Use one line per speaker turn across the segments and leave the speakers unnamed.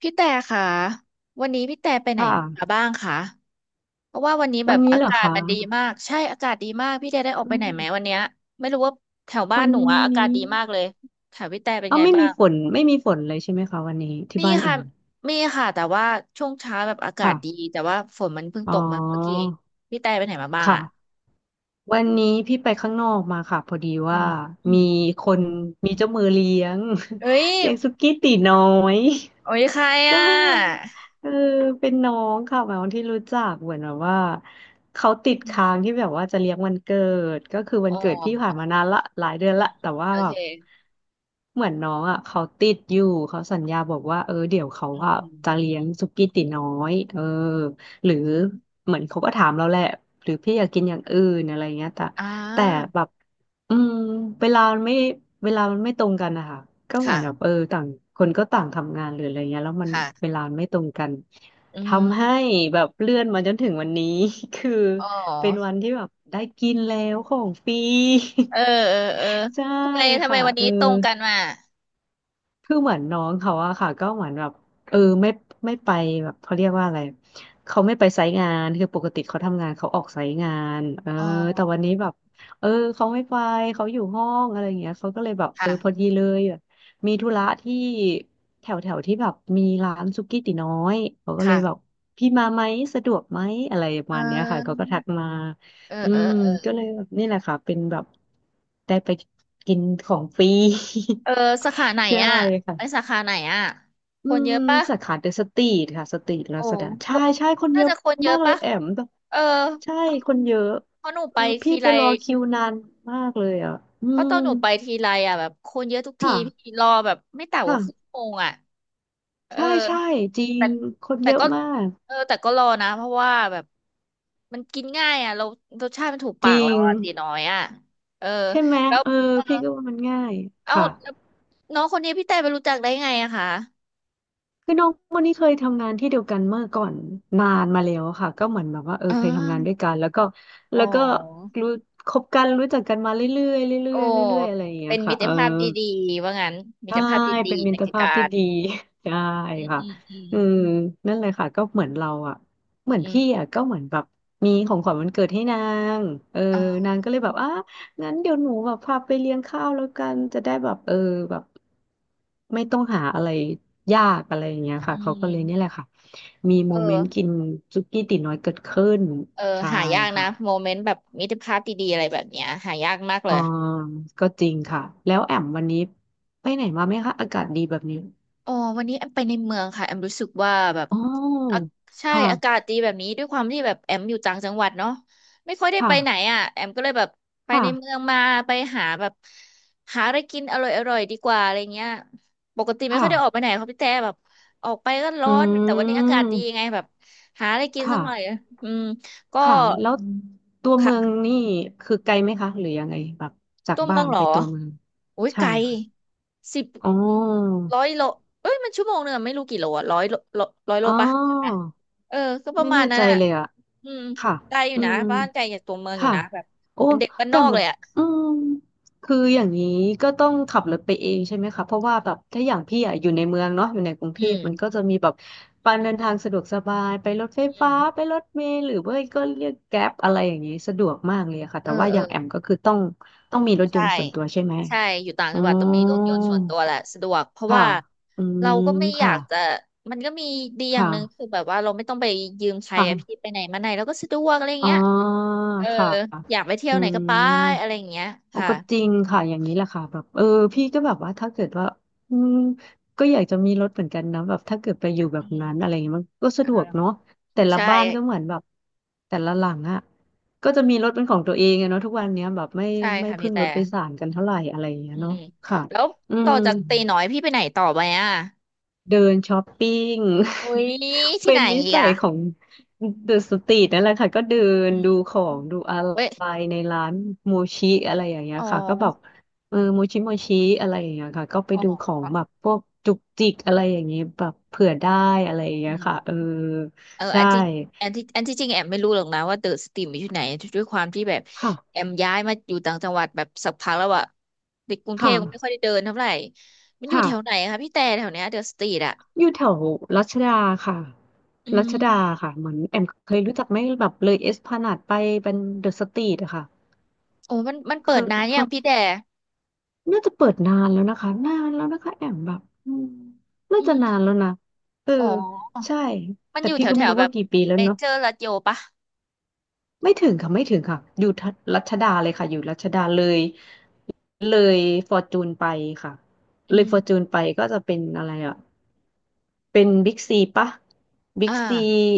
พี่แต่ค่ะวันนี้พี่แต่ไป
ค
ไหนมา
่ะ
บ้างคะเพราะว่าวันนี้แบ
วัน
บ
นี้
อา
เหรอ
กาศ
คะ
มันดีมากใช่อากาศดีมากพี่แต่ได้ออก
อื
ไปไหนไหมวัน
ม
เนี้ยไม่รู้ว่าแถวบ้าน
วัน
หนูอะอากาศ
นี้
ดีมากเลยแถวพี่แต่เป็น
เอ๋อ
ไง
ไม่
บ้า
มี
ง
ฝนเลยใช่ไหมคะวันนี้ที่
มี
บ้านแอ
ค่ะ
ม
มีค่ะแต่ว่าช่วงเช้าแบบอากาศดี
ค่ะ
แต่ว่าฝนมันเพิ่ง
อ๋อ
ตกมาเมื่อกี้เองพี่แต่ไปไหนมาบ้างอ่ะ
ค่ะ วันนี้พี่ไปข้างนอกมาค่ะพอดี
อื
ว่า
มอืม
มีคนมีเจ้ามือเลี้ยง
เอ้ย
เลี้ยงสุกี้ตีน้อย
โอ้ยใคร
ก็
อ่
เลยบอกว่า
ะ
เออเป็นน้องค่ะหมายความที่รู้จักเหมือนแบบว่าเขาติด
อืม
ค้างที่แบบว่าจะเลี้ยงวันเกิดก็คือวั
อ๋
น
อ
เกิดพี่ผ่านมานานละหลายเดือน
อื
ละ
ม
แต่ว่า
โอ
แบ
เค
บเหมือนน้องอ่ะเขาติดอยู่เขาสัญญาบอกว่าเออเดี๋ยวเขา
อื
อ่ะจะเลี้ย
ม
งสุกี้ตีน้อยเออ หรือเหมือนเขาก็ถามเราแหละหรือพี่อยากกินอย่างอื่นอะไรเงี้ยแต่
อ่
แต่
า
แบบอืมเวลามันไม่เวลามันไม่ตรงกันนะคะก็เหมื
ค่ะ
อนแบบเออต่างคนก็ต่างทำงานหรืออะไรเงี้ยแล้วมัน
ค่ะ
เวลามันไม่ตรงกัน
อืม
ทำให้แบบเลื่อนมาจนถึงวันนี้ คือ
อ๋
เป็นวั
อ
นที่แบบได้กินแล้วของฟรี
เออเออเออ
ใช่
ทำไม
ค่ะ
วัน
เอ
นี้
อ
ตรงกันมา
คือเหมือนน้องเขาอะค่ะก็เหมือนแบบเออไม่ไปแบบเขาเรียกว่าอะไรเขาไม่ไปไซต์งานคือปกติเขาทำงานเขาออกไซต์งานเออ
อ๋อ
แต่วันนี้แบบเออเขาไม่ไปเขาอยู่ห้องอะไรอย่างเงี้ยเขาก็เลยแบบเออพอ
ค่ะ
ดีเลยแบบมีธุระที่แถวแถวที่แบบมีร้านสุกี้ตี๋น้อยเขาก็เล
ค่ะ
ยแบบพี่มาไหมสะดวกไหมอะไรป
เ
ระมาณเนี้ยค่ะเขา
ออ
ก็ทักมา
เออ
อื
เออ
ม
เออ
ก็เลยแบบนี่แหละค่ะเป็นแบบได้ไปกินของฟรี
เออสาขาไหน
ใช่
อ่ะ
ค่ะ
ไปสาขาไหนอ่ะค
อื
นเย
ม
อะปะ
สาขาเดอะสตรีทค่ะสตรีทลา
โอ้
ซาด้า
พ
ใช่
วก
ใช่คน
น่า
เยอะ
จะคนเย
มา
อะ
กเลย
ปะ
แอมแบบ
เออ
ใช่
เพราะ
คนเยอะ
เพราะหนูไป
คือพี่
ที
ไป
ไร
รอคิวนานมากเลยอ่ะอื
เพราะต
ม
อนหนูไปทีไรอ่ะแบบคนเยอะทุกที
ค่ะ
พี่รอแบบไม่ต่ำก
ค่ะ
ว่าครึ่งชั่วโมงอ่ะเออ
ใช่ใช่จริ
แต่
งคน
แต่
เยอะ
ก็
มาก
เออแต่ก็รอนะเพราะว่าแบบมันกินง่ายอ่ะเรารสชาติมันถูก
จ
ปาก
ริ
เรา
ง
อ่ะตีน้อยอ่ะเออ
ใช่ไหม
แล้ว
เออ
เออ
พี่ก็ว่ามันง่าย
เอา
ค่ะ
แล้วน้องคนนี้พี่แต่ไปรู้จักได้ไงอะคะ
คือน้องคนนี้เคยทำงานที่เดียวกันเมื่อก่อนนานมาแล้วค่ะก็เหมือนแบบว่าเออ
อ่
เคยทำงานด้
า
วยกันแล้วก็
อ๋อ
แล้วก็รู้คบกันรู้จักกันมาเรื่อยๆเรื่
โอ้
อยๆเรื่อยๆอะไรอย่างเงี้
เป็
ย
นมิ
ค่ะ
ต
เอ
ร
อ
ภาพดีๆว่างั้นมิต
ใช่
รภาพดี
เป็น
ๆ
มิ
ใน
ตร
กิจ
ภาพ
กา
ที่
ร
ดี ใช่
อืม
ค่ะ
อืมอืม
อืมนั่นเลยค่ะก็เหมือนเราอ่ะเหมือน
อืม
พี่อ่ะก็เหมือนแบบมีของขวัญวันเกิดให้นางเออ
อ่า
นางก็เลยแบบอ่ะงั้นเดี๋ยวหนูแบบพาไปเลี้ยงข้าวแล้วกันจะได้แบบเออแบบไม่ต้องหาอะไรยากอะไรอย่างเงี้ย
อื
ค่ะเขาก็เลยนี่แหละ
ม
ค่ะมี
เอ
โมเมนต์กิ
อ
นซุกี้ตี๋น้อยเกิดขึ้น
เออ
ใช่
หายากนะ
ค่ะ
โมเมนต์แบบมิตรภาพดีๆอะไรแบบเนี้ยหายากมากเล
อ๋อ
ย
ก็จริงค่ะแล้วแอมวันนี้ไปไหนมาไหมคะอากาศดีแบบนี้
อ๋อวันนี้แอมไปในเมืองค่ะแอมรู้สึกว่าแบบ
อ๋
อา
อ
ใช่อากา
ค่ะ
ศดีแบบนี้ด้วยความที่แบบแอมอยู่ต่างจังหวัดเนาะไม่ค่อยได้ไปไหน
ค่ะ
อ่ะแอมก็เลยแบบไปในเมือ
ค่ะ
งมาไปหาแบบหาอะไรกินอร่อยอร่อยดีกว่าอะไรเงี้ยปกติ
ค
ไม่ค่อยได้ออกไป
่ะ
ไหนเขาพี่แต่แบบออกไปก็ร้
อื
อนแต่วันนี้อากาศดีไง
ม
แบบหาอะไรกินสั
ค่ะ
กหน่อยอืมก็
ค่ะ แล้วอืมตัวเมือง
ค่ะ
นี่คือไกลไหมคะหรือยังไงแบบจาก
ตัวเมื
บ้า
อง
น
เหร
ไป
อ
ตัวเมือง
อุ้ยไก
ใช่
ล
ค่ะ
สิบ
อ๋อ
ร้อยโลเอ้ยมัน1 ชั่วโมงอะไม่รู้กี่โลอะร้อยโลร้อยโล
อ๋
ปะใช่ไหม
อ
เออก็ประ
ไม่
มา
แน่
ณนั้
ใจ
นอะ
เลยอะ
อืม
ค่ะ
ไกลอยู่
อื
นะ
ม
บ้านไกลจากตัวเมืองอยู่
ค่ะ
นะแบบ
โอ้
เป็นเด็กบ้านน
แต่
อก
แบ
เล
บ
ยอะ
อืมคืออย่างนี้ก็ต้องขับรถไปเองใช่ไหมคะเพราะว่าแบบถ้าอย่างพี่อะอยู่ในเมืองเนาะอยู่ในกรุงเท
อื
พ
ม
มันก็จะมีแบบการเดินทางสะดวกสบายไปรถไฟ
อื
ฟ้า
ม
ไปรถเมล์หรือว่าก็เรียกแกร็บอะไรอย่างนี้สะดวกมากเลยอะค่ะ
เอ
แต่
อ
ว่า
เอ
อ
อ
ย่างแอมก็คือต้องมีรถย
ใช่
นต์ส่วนตัวใช่ไหม
ใช่ อยู่ต่าง
อ๋อ
จังหวัดต้องมีรถยนต์ส่วนตัวแหละสะดวก เพราะ
ค่ะ
ว่า
อื
เรา
ม
ก็ไม่อยา
ค่ะ
กจะ มันก็มีดีอย่างหนึ่งคื
ค่ะ
อแบบว่าเราไม่ต้องไปยืมใครอะพี่
ค่ะ
ไปไหนมาไหนเราก็สะดวกอะไรอย่าง
อ๋อ
เงี้ยเออ
ค่ะ
อยากไปเที่ย
อื
วไหนก็
ม
ไปอะไรอย่างเงี้ย
โอ้
ค่ะ
ก็จริงค่ะอย่างนี้แหละค่ะแบบเออพี่ก็แบบว่าถ้าเกิดว่าอืมก็อยากจะมีรถเหมือนกันนะแบบถ้าเกิดไปอยู่แบ
อื
บนั้นอะไร
ม
เงี้ยมันก็
เอ
สะ
อ
ดวกเนาะแต่ละ
ใช่
บ้านก็เหมือนแบบแต่ละหลังอะก็จะมีรถเป็นของตัวเองอะเนาะทุกวันเนี้ยแบบ
ใช่
ไม่
ค่ะพี่
พึ่ง
แต่
รถโดยสารกันเท่าไหร่อะไรอย่างเงี้ย
อื
เนาะ
ม
ค่ะ
แล้ว
อื
ต่อ
ม
จากตีน้อยพี่ไปไหนต่อไปอ่ะ
เดินช้อปปิ้ง
อุ้ย ที่
เป็
ไหน
นนิ
อีก
สัย
อ่ะ
ของเดอะสตรีทนั่นแหละค่ะก็เดิน
อื
ดู
ม
ของดูอะ
เว้ย
ไรในร้านโมชิอะไรอย่างเงี้
อ๋
ย
อ
ค่ะก็แบบเออโมชิโมชิอะไรอย่างเงี้ยค่ะก็ไป
อ๋
ดูข
อ
องแบบพวกจุกจิกอะไรอย่างเงี้ยแบบเผื่อได้อะไรอย่าง
อื
เงี้ยค่ะเออ
มเอออั
ใช่
นที่อันที่อันที่จริงแอมไม่รู้หรอกนะว่าเดอะสตรีมอยู่ที่ไหนด้วยความที่แบบ
ค่ะ
แอมย้ายมาอยู่ต่างจังหวัดแบบสักพักแล้วอะในกรุง
ค
เทพก็ไม่ค่อย
่ะ
ได้เดินเท่าไหร่มันอ
ค
ยู่แถวไหน
่ะ
คะพี่แต่แถวเนี้ยเดอะสตรีทอะ
อยู่แถวรัชดาค่ะ
อื
รัชดา
ม
ค่ะเหมือนแอมเคยรู้จักไหมแบบเลยเอสพลานาดไปเป็นเดอะสตรีทอะค่ะ
โอ้มันเปิ
คื
ด
อ
นาน
ค
ยังพี่แต่
น่าจะเปิดนานแล้วนะคะนานแล้วนะคะแอมแบบน่า
อื
จะ
ม
นานแล้วนะเออ
อ๋อ
ใช่
มัน
แต่
อยู่
พี่
แถว
ก็
แถ
ไม่
ว
รู้
แบ
ว่า
บ
กี่ปีแล้ว
เม
เนาะ
เจอร์ลัชโยปะ
ไม่ถึงค่ะไม่ถึงค่ะอยู่ทัรัชดาเลยค่ะอยู่รัชดาเลยเลยฟอร์จูนไปค่ะ
อื
เลยฟอ
ม
ร์จูนไปก็จะเป็นอะไรอ่ะเป็นบิ๊กซีปะบิ๊
อ่า
กซี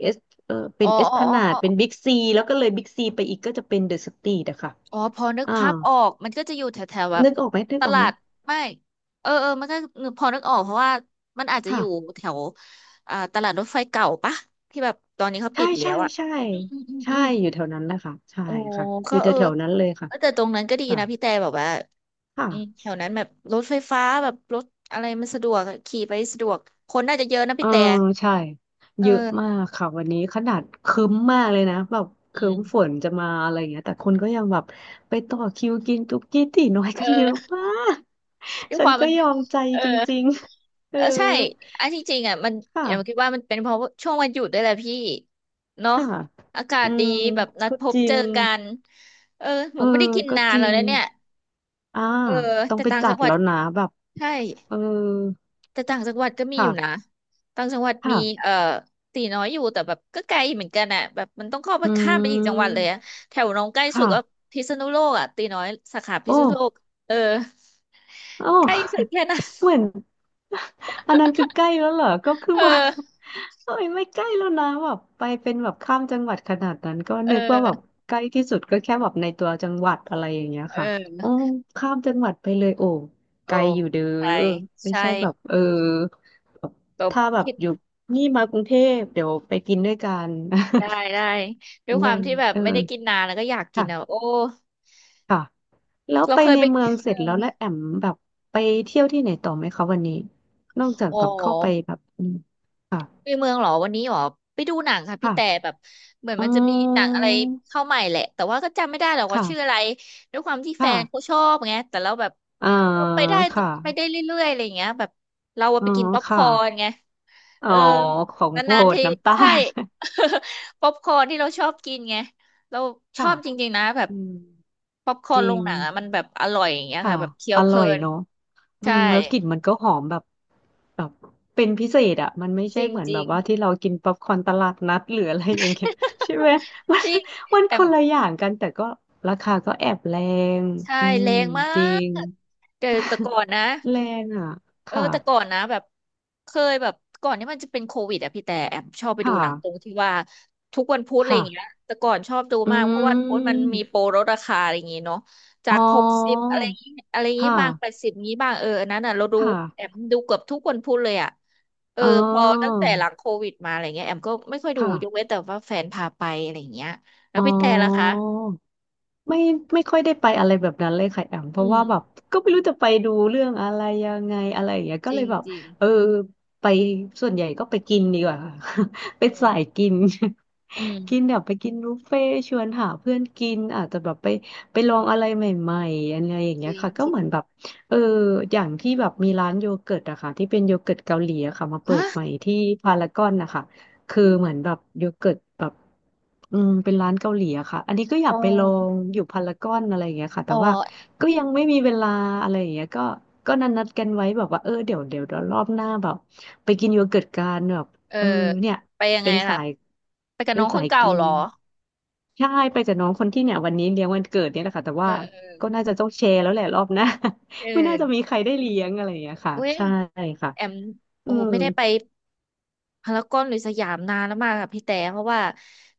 เอสเออเป็
อ๋อ
นเอส
อ๋อ
พลา
อ๋อ
นาดเป็
อ๋
น
อ
บิ๊กซีแล้วก็เลยบิ๊กซีไปอีกก็จะเป็นเดอะสตรีทอะค่ะ
อ๋อพอนึก
อ่า
ภาพออกมันก็จะอยู่แถวแถวแบบ
นึกออกไหมนึก
ต
ออก
ลา
ไหม
ดไม่เออเออมันก็นึกพอนึกออกเพราะว่ามันอาจจะอ
ค่ะ
ยู่แถวอ่าตลาดรถไฟเก่าปะที่แบบตอนนี้เขา
ใช่
ปิดไปแล้
ใช่
วอ่ะ
ใช่
อืมอืมอืม
ใช่
อืม
อยู่แถวนั้นแหละค่ะใช่
โอ้
ค่ะอ
ก็
ยู่
เออ
แถวๆนั้นเลยค่ะ
เออแต่ตรงนั้นก็ดี
ค่ะ
นะพี่แต่แบบว่า
ค่ะ
อืมแถวนั้นแบบรถไฟฟ้าแบบรถอะไรมันสะดวกอะขี่ไปสะดวกคนน่าจะเยอะนะ
เอ
พี่
อ
แต่
ใช่
เอ
เยอะ
อ
มากค่ะวันนี้ขนาดครึ้มมากเลยนะแบบค
อื
รึ้มฝ
ม
นจะมาอะไรอย่างเงี้ยแต่คนก็ยังแบบไปต่อคิวกินตุ๊กกี้ตี๋น้อยกันเยอะ
เออ
มาก
ด้วย
ฉั
ค
น
วาม
ก็
มัน
ยอมใจ
เออ
จริงๆเอ
เอ
อ
อใช่อันที่จริงอ่ะมันแอมคิด
ค่ะ
ว่ามันเป็นเพราะช่วงวันหยุดด้วยแหละพี่เนาะ
ค่ะ
อากา
อื
ศดี
ม
แบบนัด
ก็
พบ
จริ
เจ
ง
อกันเออห
เอ
มู
อ
ก็ไม่ได้กิน
ก็
นาน
จริ
แล้ว
ง
นะเนี่ย
อ่า
เออ
ต้อง
แต่
ไป
ต่าง
จั
จั
ด
งหวัด
แล้วนะแบบ
ใช่
เออ
แต่ต่างจังหวัดก็มีอ
ค่ะ
ยู่นะต่างจังหวัดมี
ค่ะ
ตีน้อยอยู่แต่แบบก็ไกลเหมือนกันอ่ะแบบมันต้องเข้าไป
อื
ข้ามไปอีกจังหวัด
ม
เลยอะแถวน้องใกล้สุดก็
ค่ะ
พิษณุโลกอ่ะตีน้อยสาขาพิษณุโลก
โอ้
เออ
โอ้
ใกล้สุดแค่นั้น
เหมือน อันนั้นคือใกล้แล้วเหรอก็คือ
เอ
ว่า
อ
โอ้ยไม่ใกล้แล้วนะแบบไปเป็นแบบข้ามจังหวัดขนาดนั้นก็
เอ
นึกว่าแบบ
อ
ใกล้ที่สุดก็แค่แบบในตัวจังหวัดอะไรอย่างเงี้ย
เอ
ค่ะโอ้
อ
ข้ามจังหวัดไปเลยโอ้ไก
โอ้
ลอยู่เด้อ
ใช่
ไม่
ใช่
ใช่แบบเออแบบ
แบบ
ถ้าแบบ
คิด
อยู่นี่มากรุงเทพเดี๋ยวไปกินด้วยกัน
ได้ได้ด้วย ควา
นั่
ม
น
ที่แบบ
เออ
ไม่ได้กินนานแล้วก็อยากกินอ่ะ
ค่ะ
โอ้
ค่ะแล้ว
เรา
ไป
เคย
ใน
ไป
เมืองเส
เอ
ร็จแล้วแล้ว
อ
แอมแบบไปเที่ยวที่ไหนต่อไหมคะวันนี้นอกจาก
โอ
แบบเข้าไป
้
แบบค่ะ
ไปเมืองเหรอวันนี้เหรอไปดูหนังค่ะพี่แต่
ค่ะ
แบบเหมือน
อ๋อ
มันจะมีหนังอะไรเข้าใหม่แหละแต่ว่าก็จำไม่ได้หรอกว่า
ค่ะ
ชื่ออะไรด้วยความที่แฟ
ค่ะ
นเขาชอบไงแต่เราแบบ
อ่า
เราไปได้
ค่ะ
ไปได้เรื่อยๆอะไรอย่างเงี้ยแบบเราอะ
อ๋อ
ไปกินป๊อปค
ค่ะ
อร์นไงเอ
อ๋อ
อ
ของโปร
นานๆ
ด
ที
น้ำตา
ใช่
ล
ป๊อปคอร์นที่เราชอบกินไงเรา ชอ
ค่ะ
บจริงๆนะแบบ
อืม
ป๊อปคอ
จ
ร์นโร
ริ
ง
ง
หนังอะมันแบบอร่อยอย่างเงี้ย
ค่ะ
ค่ะแบบเคี้ย
อ
วเพ
ร่
ลิ
อย
น
เนาะ อื
ใช่
มแล้วกลิ่นมันก็หอมแบบแบบเป็นพิเศษอ่ะมันไม่
จ
ใช่
ริง
เหมือน
จ
แบ
ริ
บ
ง
ว่าที่เรากินป๊อปคอร์นตลาดนัดหรืออะไรอย่างเงี้ย ใช่ไหมมัน
จริง
มัน
แต่
คนละอย่างกันแต่ก็ราคาก็แอบแรง
ใช่
อื
แร
ม
งมา
จริ
ก
ง
แต่ก่อนนะ
แรงอ่ะ
เออ
ค่ะ
แต่ก่อนนะแบบเคยแบบก่อนที่มันจะเป็นโควิดอะพี่แต่แอมชอบไป
ค
ดูหนังตรง
่ะ
ที่ว่าทุกวันพุธอะไรอย่างเงี้ย
ค่ะ
แต่ก่อนชอบดู
อื
มากเพราะว่าพุธมัน
ม
มีโปรลดราคาอะไรอย่างงี้เนาะจา
อ๋อ
ก60อะไรอย่างงี้อะไรอย่างงี้
ค่ะ
บาง80งี้บางอันนั้นอะเราดู
ค่ะ
แอมดูเกือบทุกวันพุธเลยอะเออ
อ๋อ
พอตั้งแต่หลังโควิดมาอะไรเงี้ยแอมก็ไม่ค่อยดู
ค่ะ
ยกเว้นแต่ว่าแฟนพาไปอะไรอย่างเงี้ยแล้ว
อ๋อ
พี่แต่ล่ะคะ
ไม่ไม่ค่อยได้ไปอะไรแบบนั้นเลยค่ะแอมเพ
อื
ราะ
ม
ว่าแบบก็ไม่รู้จะไปดูเรื่องอะไรยังไงอะไรอย่างเงี้ยก็
จ
เล
ริ
ย
ง
แบบ
จริง
เออไปส่วนใหญ่ก็ไปกินดีกว่าค่ะ เป็
อื
นสาย
ม
กิน
อื
กิน
ม
แบบไปกินบุฟเฟ่ต์ชวนหาเพื่อนกินอาจจะแบบไปไปลองอะไรใหม่ๆอะไรอย่าง
จ
เงี้ย
ริง
ค่ะก็
จริง
เหมือนแบบเอออย่างที่แบบมีร้านโยเกิร์ตอะค่ะที่เป็นโยเกิร์ตเกาหลีอะค่ะมาเปิ
ฮะ
ดใหม่ที่พารากอนนะคะ คือเหมือนแบบโยเกิร์ตแบบเป็นร้านเกาหลีอะค่ะอันนี้ก็อ
อ๋
ยากไปลอ
อ
งอยู่พารากอนอะไรอย่างเงี้ยค่ะ
อ๋
แต่
อ
ว่าก็ยังไม่มีเวลาอะไรอย่างเงี้ยก็ก็นัดกันไว้แบบว่าเออเดี๋ยวรอบหน้าแบบไปกินโยเกิร์ตกันแบบ
เออ
เออเนี่ย
ไปยังไง
เป็นสา
คะ
ย
ไปกับ
เป็
น้
น
องค
สา
น
ย
เก่า
กิน
เหรอ
ใช่ไปกับน้องคนที่เนี่ยวันนี้เลี้ยงวันเกิดเนี่ยแหละค่ะแต่
เออ
ว่า
เออ
ก็น่าจะต้องแชร์แล้วแหละรอบหน้า
เ
ไม่น่าจะ
ออ
มีใครได้เลี้ยงอะไรอย่างเงี้ยค่ะ
เว้ย
ใช่ค่ะ
แอม
อื
โอ้โห
ม
ไม่ได้ไปพารากอนหรือสยามนานแล้วมากค่ะพี่แต่เพราะว่า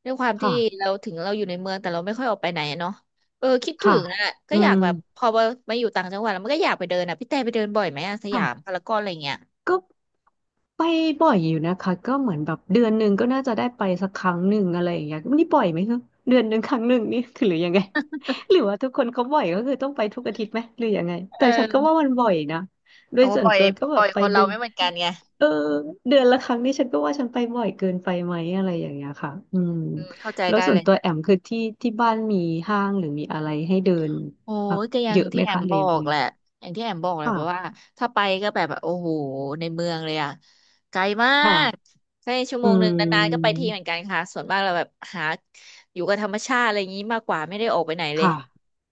ด้วยความที่
ค่ะ
เราถึงเราอยู่ในเมืองแต่เราไม่ค่อยออกไปไหนอะเนาะเออคิดถึ
ค่ะ
งอ่ะก็
อื
อยา
ม
กแบบพอมามาอยู่ต่างจังหวัดแล้วมันก็อยากไปเดินอ่ะพี่แต่ไปเดินบ่อยไหมอะสยาม
ค่ะ
พารากอนอะไรเงี้ย
ก็ไปบ่อยอยู่นะคะก็เหมือนแบบเดือนหนึ่งก็น่าจะได้ไปสักครั้งหนึ่งอะไรอย่างเงี้ยนี่บ่อยไหมคะเดือนหนึ่งครั้งหนึ่งนี่คือหรือยังไง หรือว่าทุกคนเขาบ่อยก็คือต้องไปทุกอาทิตย์ไหมหรือยังไง
เอ
แต่ฉันก็ว่ามั
อ
นบ่อยนะโด
โอ้
ยส่วน
บ่อย
ตัวก็แบ
บ่อ
บ
ย
ไป
คน
เดื
เรา
อน
ไม่เหมือนกันไง
เออเดือนละครั้งนี่ฉันก็ว่าฉันไปบ่อยเกินไปไหมอะไรอย่างเงี้ยค่ะอื
อื
ม
มเข้าใจ
แล้ว
ได้
ส่
เล
วน
ย
ตัวแอมคือที่บ้านมีห้างหรือมีอะไรให้เดิน
โอ้
แบบ
ยก็อย่า
เย
ง
อะไห
ที่
ม
แอม
คะเล
บ
ย
อ
ง
ก
ไง
แหละอย่างที่แอมบอกแหละเพราะว่า
ค่ะ
ถ้าไปก็แบบโอ้โหในเมืองเลยอะไกลมาก
ค่ะ
แค่ชั่ว
อื
โมงหนึ่งนานๆก็ไป
ม
ทีเหมือนกันค่ะส่วนมากเราแบบหาอยู่กับธรรมชาติอะไรอย่างนี้มากกว่าไม่ได้ออกไปไหนเลย
ค่ะ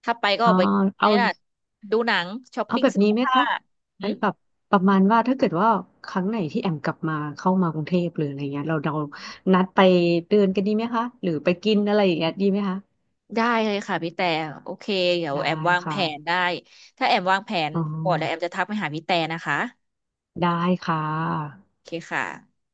ถ้าไปก็
อ๋
อ
อ
อกไปไง
เอา
ล่ะดูหนังช้อป
เอา
ปิ้ง
แบบ
เสื้อ
นี้ไหม
ผ้า
คะ
หื
ไอ้
ม
แบบประมาณว่าถ้าเกิดว่าครั้งไหนที่แอมกลับมาเข้ามากรุงเทพหรืออะไรเงี้ยเรานัดไปเดินกันดีไหมคะหรือไปกินอะไรอย่างเงี้ยดีไหมคะ
ได้เลยค่ะพี่แต่โอเคเดี๋ยว
ได้
แอมวางแผ
ค่ะ
นได้ถ้าแอมวางแผน
อ๋อ
ก่อนแล้วแอมจะทักไปหาพี่แต่นะคะ
ได้ค่ะ
โอเคค่ะ